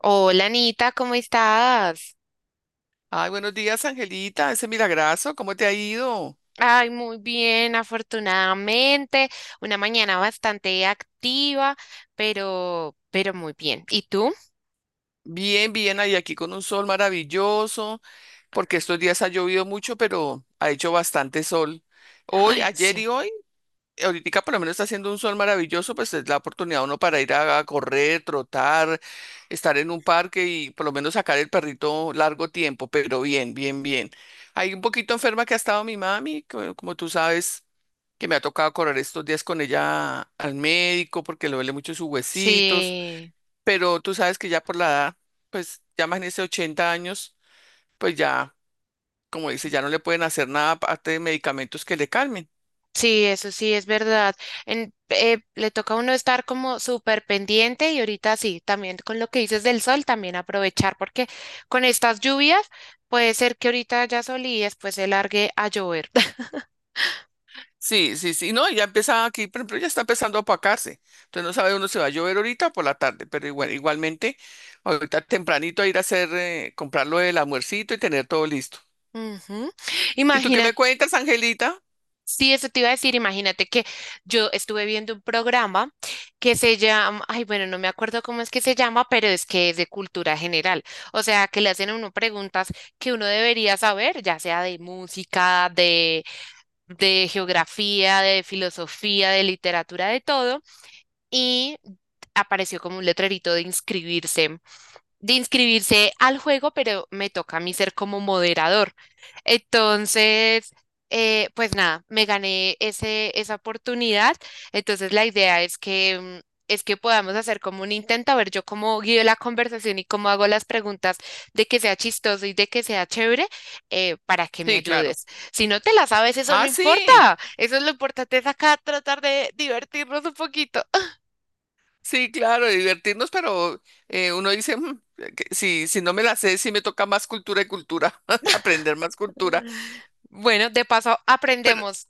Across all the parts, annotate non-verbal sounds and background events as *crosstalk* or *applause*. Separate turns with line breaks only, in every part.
Hola Anita, ¿cómo estás?
Ay, buenos días, Angelita, ese milagrazo, ¿cómo te ha ido?
Ay, muy bien, afortunadamente. Una mañana bastante activa, pero muy bien. ¿Y tú?
Bien, bien, ahí aquí con un sol maravilloso, porque estos días ha llovido mucho, pero ha hecho bastante sol. Hoy,
Ay,
ayer y
sí.
hoy ahorita por lo menos está haciendo un sol maravilloso, pues es la oportunidad uno para ir a correr, trotar, estar en un parque y por lo menos sacar el perrito largo tiempo, pero bien, bien, bien. Hay un poquito enferma que ha estado mi mami, como tú sabes, que me ha tocado correr estos días con ella al médico porque le duele mucho sus huesitos,
Sí,
pero tú sabes que ya por la edad, pues ya más en ese 80 años, pues ya, como dice, ya no le pueden hacer nada aparte de medicamentos que le calmen.
sí, eso sí es verdad. Le toca a uno estar como súper pendiente y ahorita sí, también con lo que dices del sol, también aprovechar porque con estas lluvias puede ser que ahorita ya sol y después se largue a llover. *laughs*
Sí, sí, sí, no, ya empieza aquí, por ejemplo, ya está empezando a apacarse, entonces no sabe uno si va a llover ahorita o por la tarde, pero igual, igualmente, ahorita tempranito a ir a hacer, comprarlo el almuercito y tener todo listo.
Ujú.
¿Y tú qué me cuentas, Angelita?
Sí, eso te iba a decir, imagínate que yo estuve viendo un programa que se llama, ay, bueno, no me acuerdo cómo es que se llama, pero es que es de cultura general. O sea, que le hacen a uno preguntas que uno debería saber, ya sea de música, de geografía, de filosofía, de literatura, de todo, y apareció como un letrerito de inscribirse al juego, pero me toca a mí ser como moderador. Entonces, pues nada, me gané esa oportunidad. Entonces, la idea es que, es que podamos hacer como un intento, a ver yo cómo guío la conversación y cómo hago las preguntas de que sea chistoso y de que sea chévere, para que me
Sí, claro.
ayudes. Si no te la sabes, eso no
Ah,
importa.
sí,
Eso es lo importante, es acá tratar de divertirnos un poquito.
sí, claro, divertirnos, pero uno dice, "Mm, que si no me la sé, sí me toca más cultura y cultura, *laughs* aprender más cultura."
Bueno, de paso aprendemos.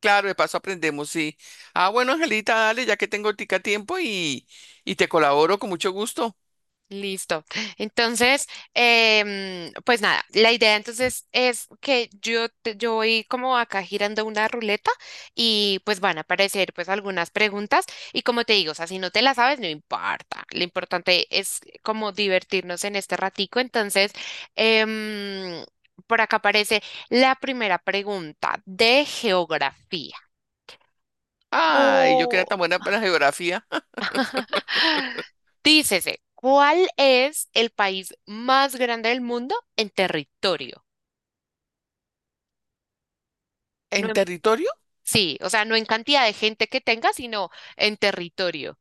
Claro, de paso aprendemos, sí. Ah, bueno, Angelita, dale, ya que tengo tica tiempo y te colaboro con mucho gusto.
Listo. Entonces, pues nada, la idea entonces es que yo, yo voy como acá girando una ruleta y pues van a aparecer pues algunas preguntas y como te digo, o sea, si no te las sabes, no importa. Lo importante es como divertirnos en este ratico. Entonces, em, por acá aparece la primera pregunta de geografía.
Ay, yo que era
Cu-
tan buena para la geografía.
Dícese, ¿cuál es el país más grande del mundo en territorio? No
¿En
en-
territorio?
sí, o sea, no en cantidad de gente que tenga, sino en territorio.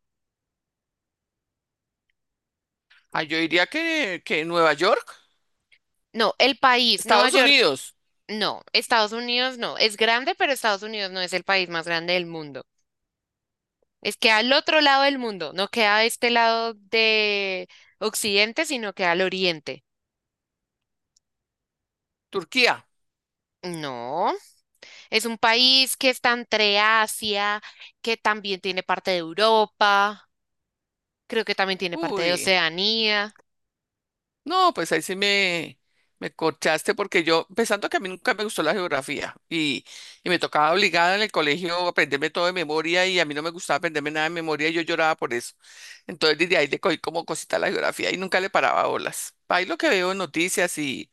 Ay, yo diría que Nueva York,
No, el país, Nueva
Estados
York,
Unidos,
no, Estados Unidos no, es grande, pero Estados Unidos no es el país más grande del mundo. Es que al otro lado del mundo, no queda a este lado de Occidente, sino que al Oriente.
Turquía.
No, es un país que está entre Asia, que también tiene parte de Europa, creo que también tiene parte de
Uy,
Oceanía.
no, pues ahí sí me corchaste porque yo, pensando que a mí nunca me gustó la geografía y me tocaba obligada en el colegio aprenderme todo de memoria y a mí no me gustaba aprenderme nada de memoria y yo lloraba por eso. Entonces desde ahí le cogí como cosita a la geografía y nunca le paraba bolas. Ahí lo que veo en noticias y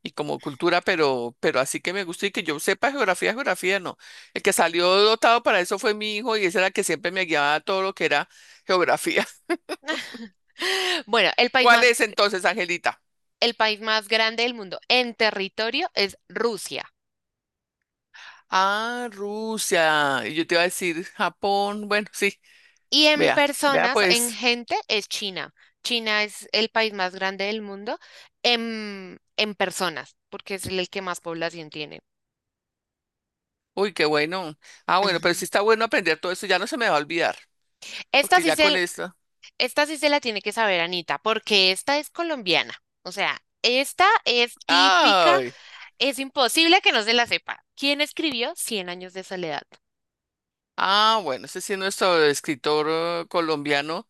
y como cultura, pero así que me gusta y que yo sepa geografía, geografía no. El que salió dotado para eso fue mi hijo y ese era el que siempre me guiaba a todo lo que era geografía.
*laughs* Bueno,
*laughs* ¿Cuál es entonces, Angelita?
el país más grande del mundo en territorio es Rusia,
Ah, Rusia. Y yo te iba a decir Japón. Bueno, sí,
y en
vea, vea
personas, en
pues.
gente es China. China es el país más grande del mundo en personas, porque es el que más población tiene.
Uy, qué bueno. Ah, bueno, pero
Ujú.
sí está bueno aprender todo eso, ya no se me va a olvidar,
Esta
porque
sí
ya con
se,
esto.
esta sí se la tiene que saber, Anita, porque esta es colombiana. O sea, esta es típica,
Ay.
es imposible que no se la sepa. ¿Quién escribió Cien años de soledad?
Ah, bueno, ese sí es nuestro escritor colombiano.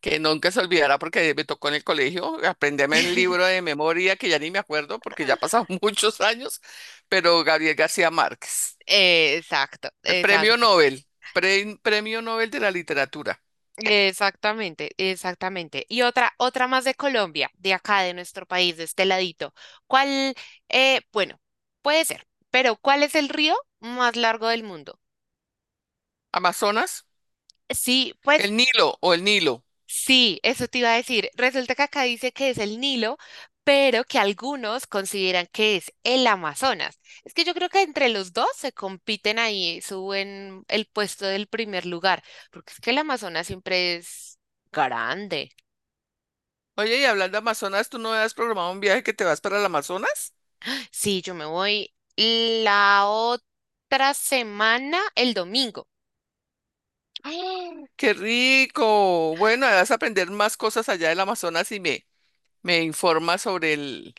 Que nunca se olvidará porque me tocó en el colegio aprenderme el libro
*laughs*
de memoria que ya ni me acuerdo porque ya pasaron *laughs* muchos años, pero Gabriel García Márquez,
Exacto,
premio
exacto.
Nobel, premio Nobel de la literatura.
Exactamente, exactamente. Y otra más de Colombia, de acá, de nuestro país, de este ladito. ¿Cuál, bueno, puede ser, pero ¿cuál es el río más largo del mundo?
Amazonas,
Sí, pues
el Nilo o el Nilo.
sí, eso te iba a decir. Resulta que acá dice que es el Nilo, pero que algunos consideran que es el Amazonas. Es que yo creo que entre los dos se compiten ahí, suben el puesto del primer lugar, porque es que el Amazonas siempre es grande.
Oye, y hablando de Amazonas, ¿tú no has programado un viaje que te vas para el Amazonas?
Sí, yo me voy la otra semana, el domingo.
¡Ah! ¡Qué rico! Bueno, vas a aprender más cosas allá del Amazonas y me informas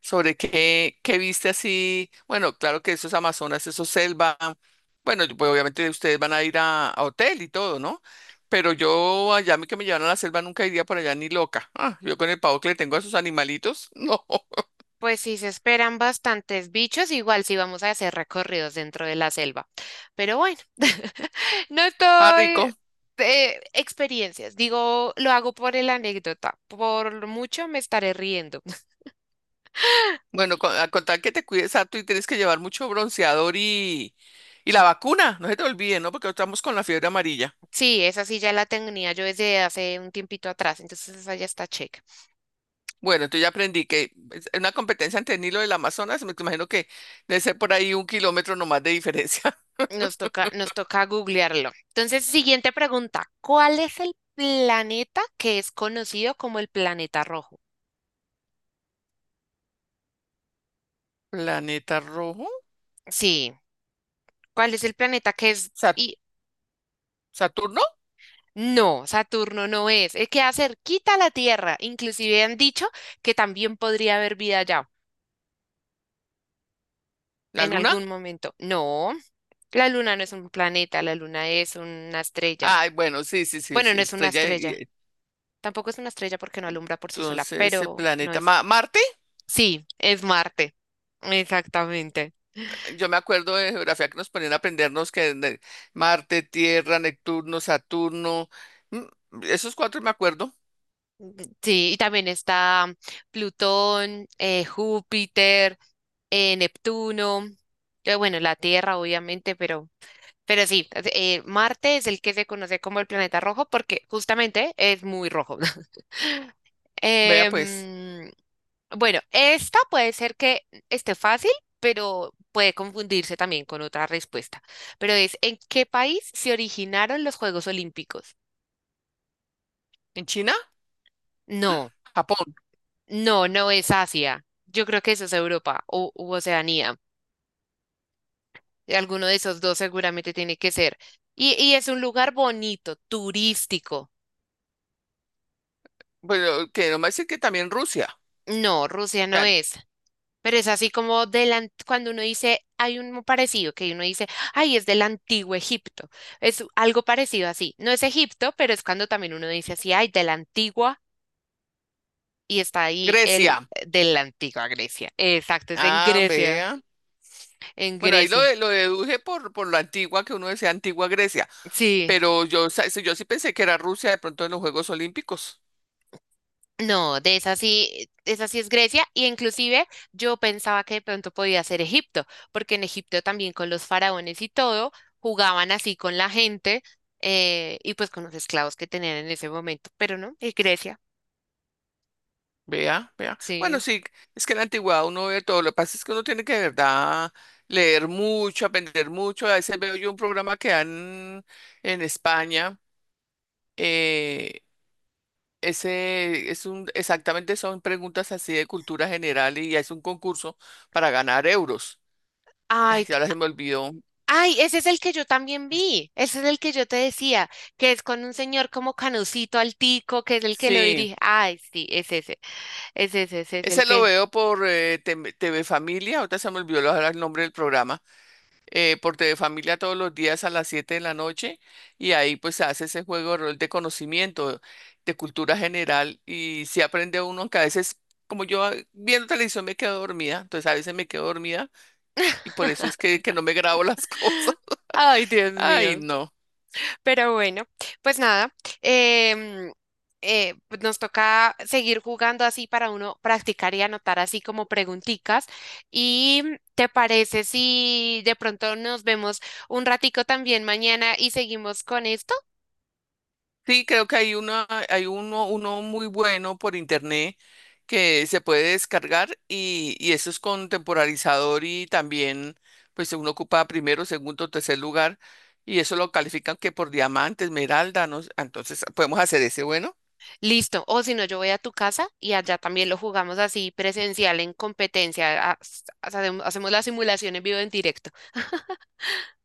sobre qué viste así. Bueno, claro que eso es Amazonas, eso es selva. Bueno, pues obviamente ustedes van a ir a hotel y todo, ¿no? Pero yo allá a mí que me llevan a la selva nunca iría por allá ni loca. Ah, yo con el pavo que le tengo a esos animalitos, *laughs* no.
Pues sí, se esperan bastantes bichos, igual sí vamos a hacer recorridos dentro de la selva. Pero bueno, *laughs* no
Ah,
estoy...
rico.
experiencias, digo, lo hago por el anécdota, por mucho me estaré riendo. *laughs*
Bueno, a contar que te cuides harto y tienes que llevar mucho bronceador y la vacuna, no se te olvide, ¿no? Porque estamos con la fiebre amarilla.
Sí, esa sí ya la tenía yo desde hace un tiempito atrás, entonces esa ya está chévere.
Bueno, entonces ya aprendí que es una competencia entre el Nilo y el Amazonas, me imagino que debe ser por ahí un kilómetro nomás de diferencia.
Nos toca googlearlo. Entonces, siguiente pregunta. ¿Cuál es el planeta que es conocido como el planeta rojo?
¿Planeta rojo?
Sí, ¿cuál es el planeta que es...
¿Sa-
Y,
¿Saturno?
no, Saturno no es. Es queda cerquita a la Tierra. Inclusive han dicho que también podría haber vida allá
¿La
en
luna?
algún momento. No, la Luna no es un planeta, la Luna es una estrella.
Ay, bueno, sí, sí, sí,
Bueno,
sí,
no es una
estrella.
estrella. Tampoco es una estrella porque no alumbra por sí sola,
Entonces, ese
pero no
planeta,
es.
Marte,
Sí, es Marte. Exactamente.
yo me acuerdo de geografía que nos ponían a aprendernos Marte, Tierra, Neptuno, Saturno, esos cuatro me acuerdo.
Sí, y también está Plutón, Júpiter, Neptuno, bueno, la Tierra obviamente, pero sí, Marte es el que se conoce como el planeta rojo porque justamente es muy rojo. *laughs*
Vea pues,
Em, bueno, esta puede ser que esté fácil, pero puede confundirse también con otra respuesta. Pero es, ¿en qué país se originaron los Juegos Olímpicos?
en China,
No.
Japón,
No, no es Asia. Yo creo que eso es Europa o u Oceanía. Alguno de esos dos seguramente tiene que ser. Y es un lugar bonito, turístico.
bueno, que no me dicen que también Rusia,
No, Rusia no
o
es. Pero es así como cuando uno dice, hay un parecido, que uno dice, ay, es del antiguo Egipto. Es algo parecido así. No es Egipto, pero es cuando también uno dice así, ay, de la antigua, y está ahí el
Grecia.
de la antigua Grecia. Exacto, es en
Ah,
Grecia,
vea.
en
Bueno, ahí
Grecia.
lo deduje por, lo antigua que uno decía, antigua Grecia.
Sí.
Pero yo, sí, yo sí pensé que era Rusia de pronto en los Juegos Olímpicos.
No, de esa sí es Grecia, y inclusive yo pensaba que de pronto podía ser Egipto, porque en Egipto también con los faraones y todo jugaban así con la gente, y pues con los esclavos que tenían en ese momento, pero no, es Grecia,
Vea, vea. Bueno,
sí.
sí, es que en la antigüedad uno ve todo. Lo que pasa es que uno tiene que de verdad leer mucho, aprender mucho. A veces veo yo un programa que dan en España. eh, Ese es exactamente son preguntas así de cultura general y es un concurso para ganar euros. *laughs*
Ay,
Ay,
t-
ahora se me olvidó.
ay, ese es el que yo también vi, ese es el que yo te decía, que es con un señor como Canucito Altico, que es el que lo
Sí,
dirige. Ay, sí, ese es el
ese lo
que.
veo por TV Familia. Ahorita se me olvidó ahora el nombre del programa. Por TV Familia todos los días a las 7 de la noche y ahí pues se hace ese juego de rol de conocimiento, de cultura general y si aprende uno, aunque a veces como yo ah, viendo televisión me quedo dormida, entonces a veces me quedo dormida y
*laughs*
por eso es que, no me grabo las *laughs* cosas.
Ay, Dios
Ay,
mío.
no.
Pero bueno, pues nada, em, pues nos toca seguir jugando así para uno practicar y anotar así como pregunticas. ¿Y te parece si de pronto nos vemos un ratico también mañana y seguimos con esto?
Sí, creo que hay uno muy bueno por internet que se puede descargar y eso es con temporalizador y también, pues uno ocupa primero, segundo, tercer lugar y eso lo califican que por diamante, esmeralda, ¿no? Entonces podemos hacer ese, bueno.
Listo. O si no, yo voy a tu casa y allá también lo jugamos así presencial en competencia. Hacemos la simulación en vivo en directo.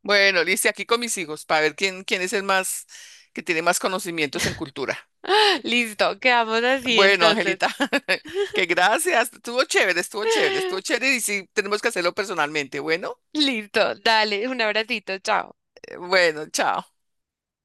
Bueno, listo, aquí con mis hijos para ver quién es el más, que tiene más conocimientos en cultura.
*laughs* Listo, quedamos así
Bueno,
entonces.
Angelita, *laughs* que gracias, estuvo chévere, estuvo chévere,
*laughs*
estuvo chévere y sí, tenemos que hacerlo personalmente, bueno.
Listo, dale, un abracito, chao.
Bueno, chao.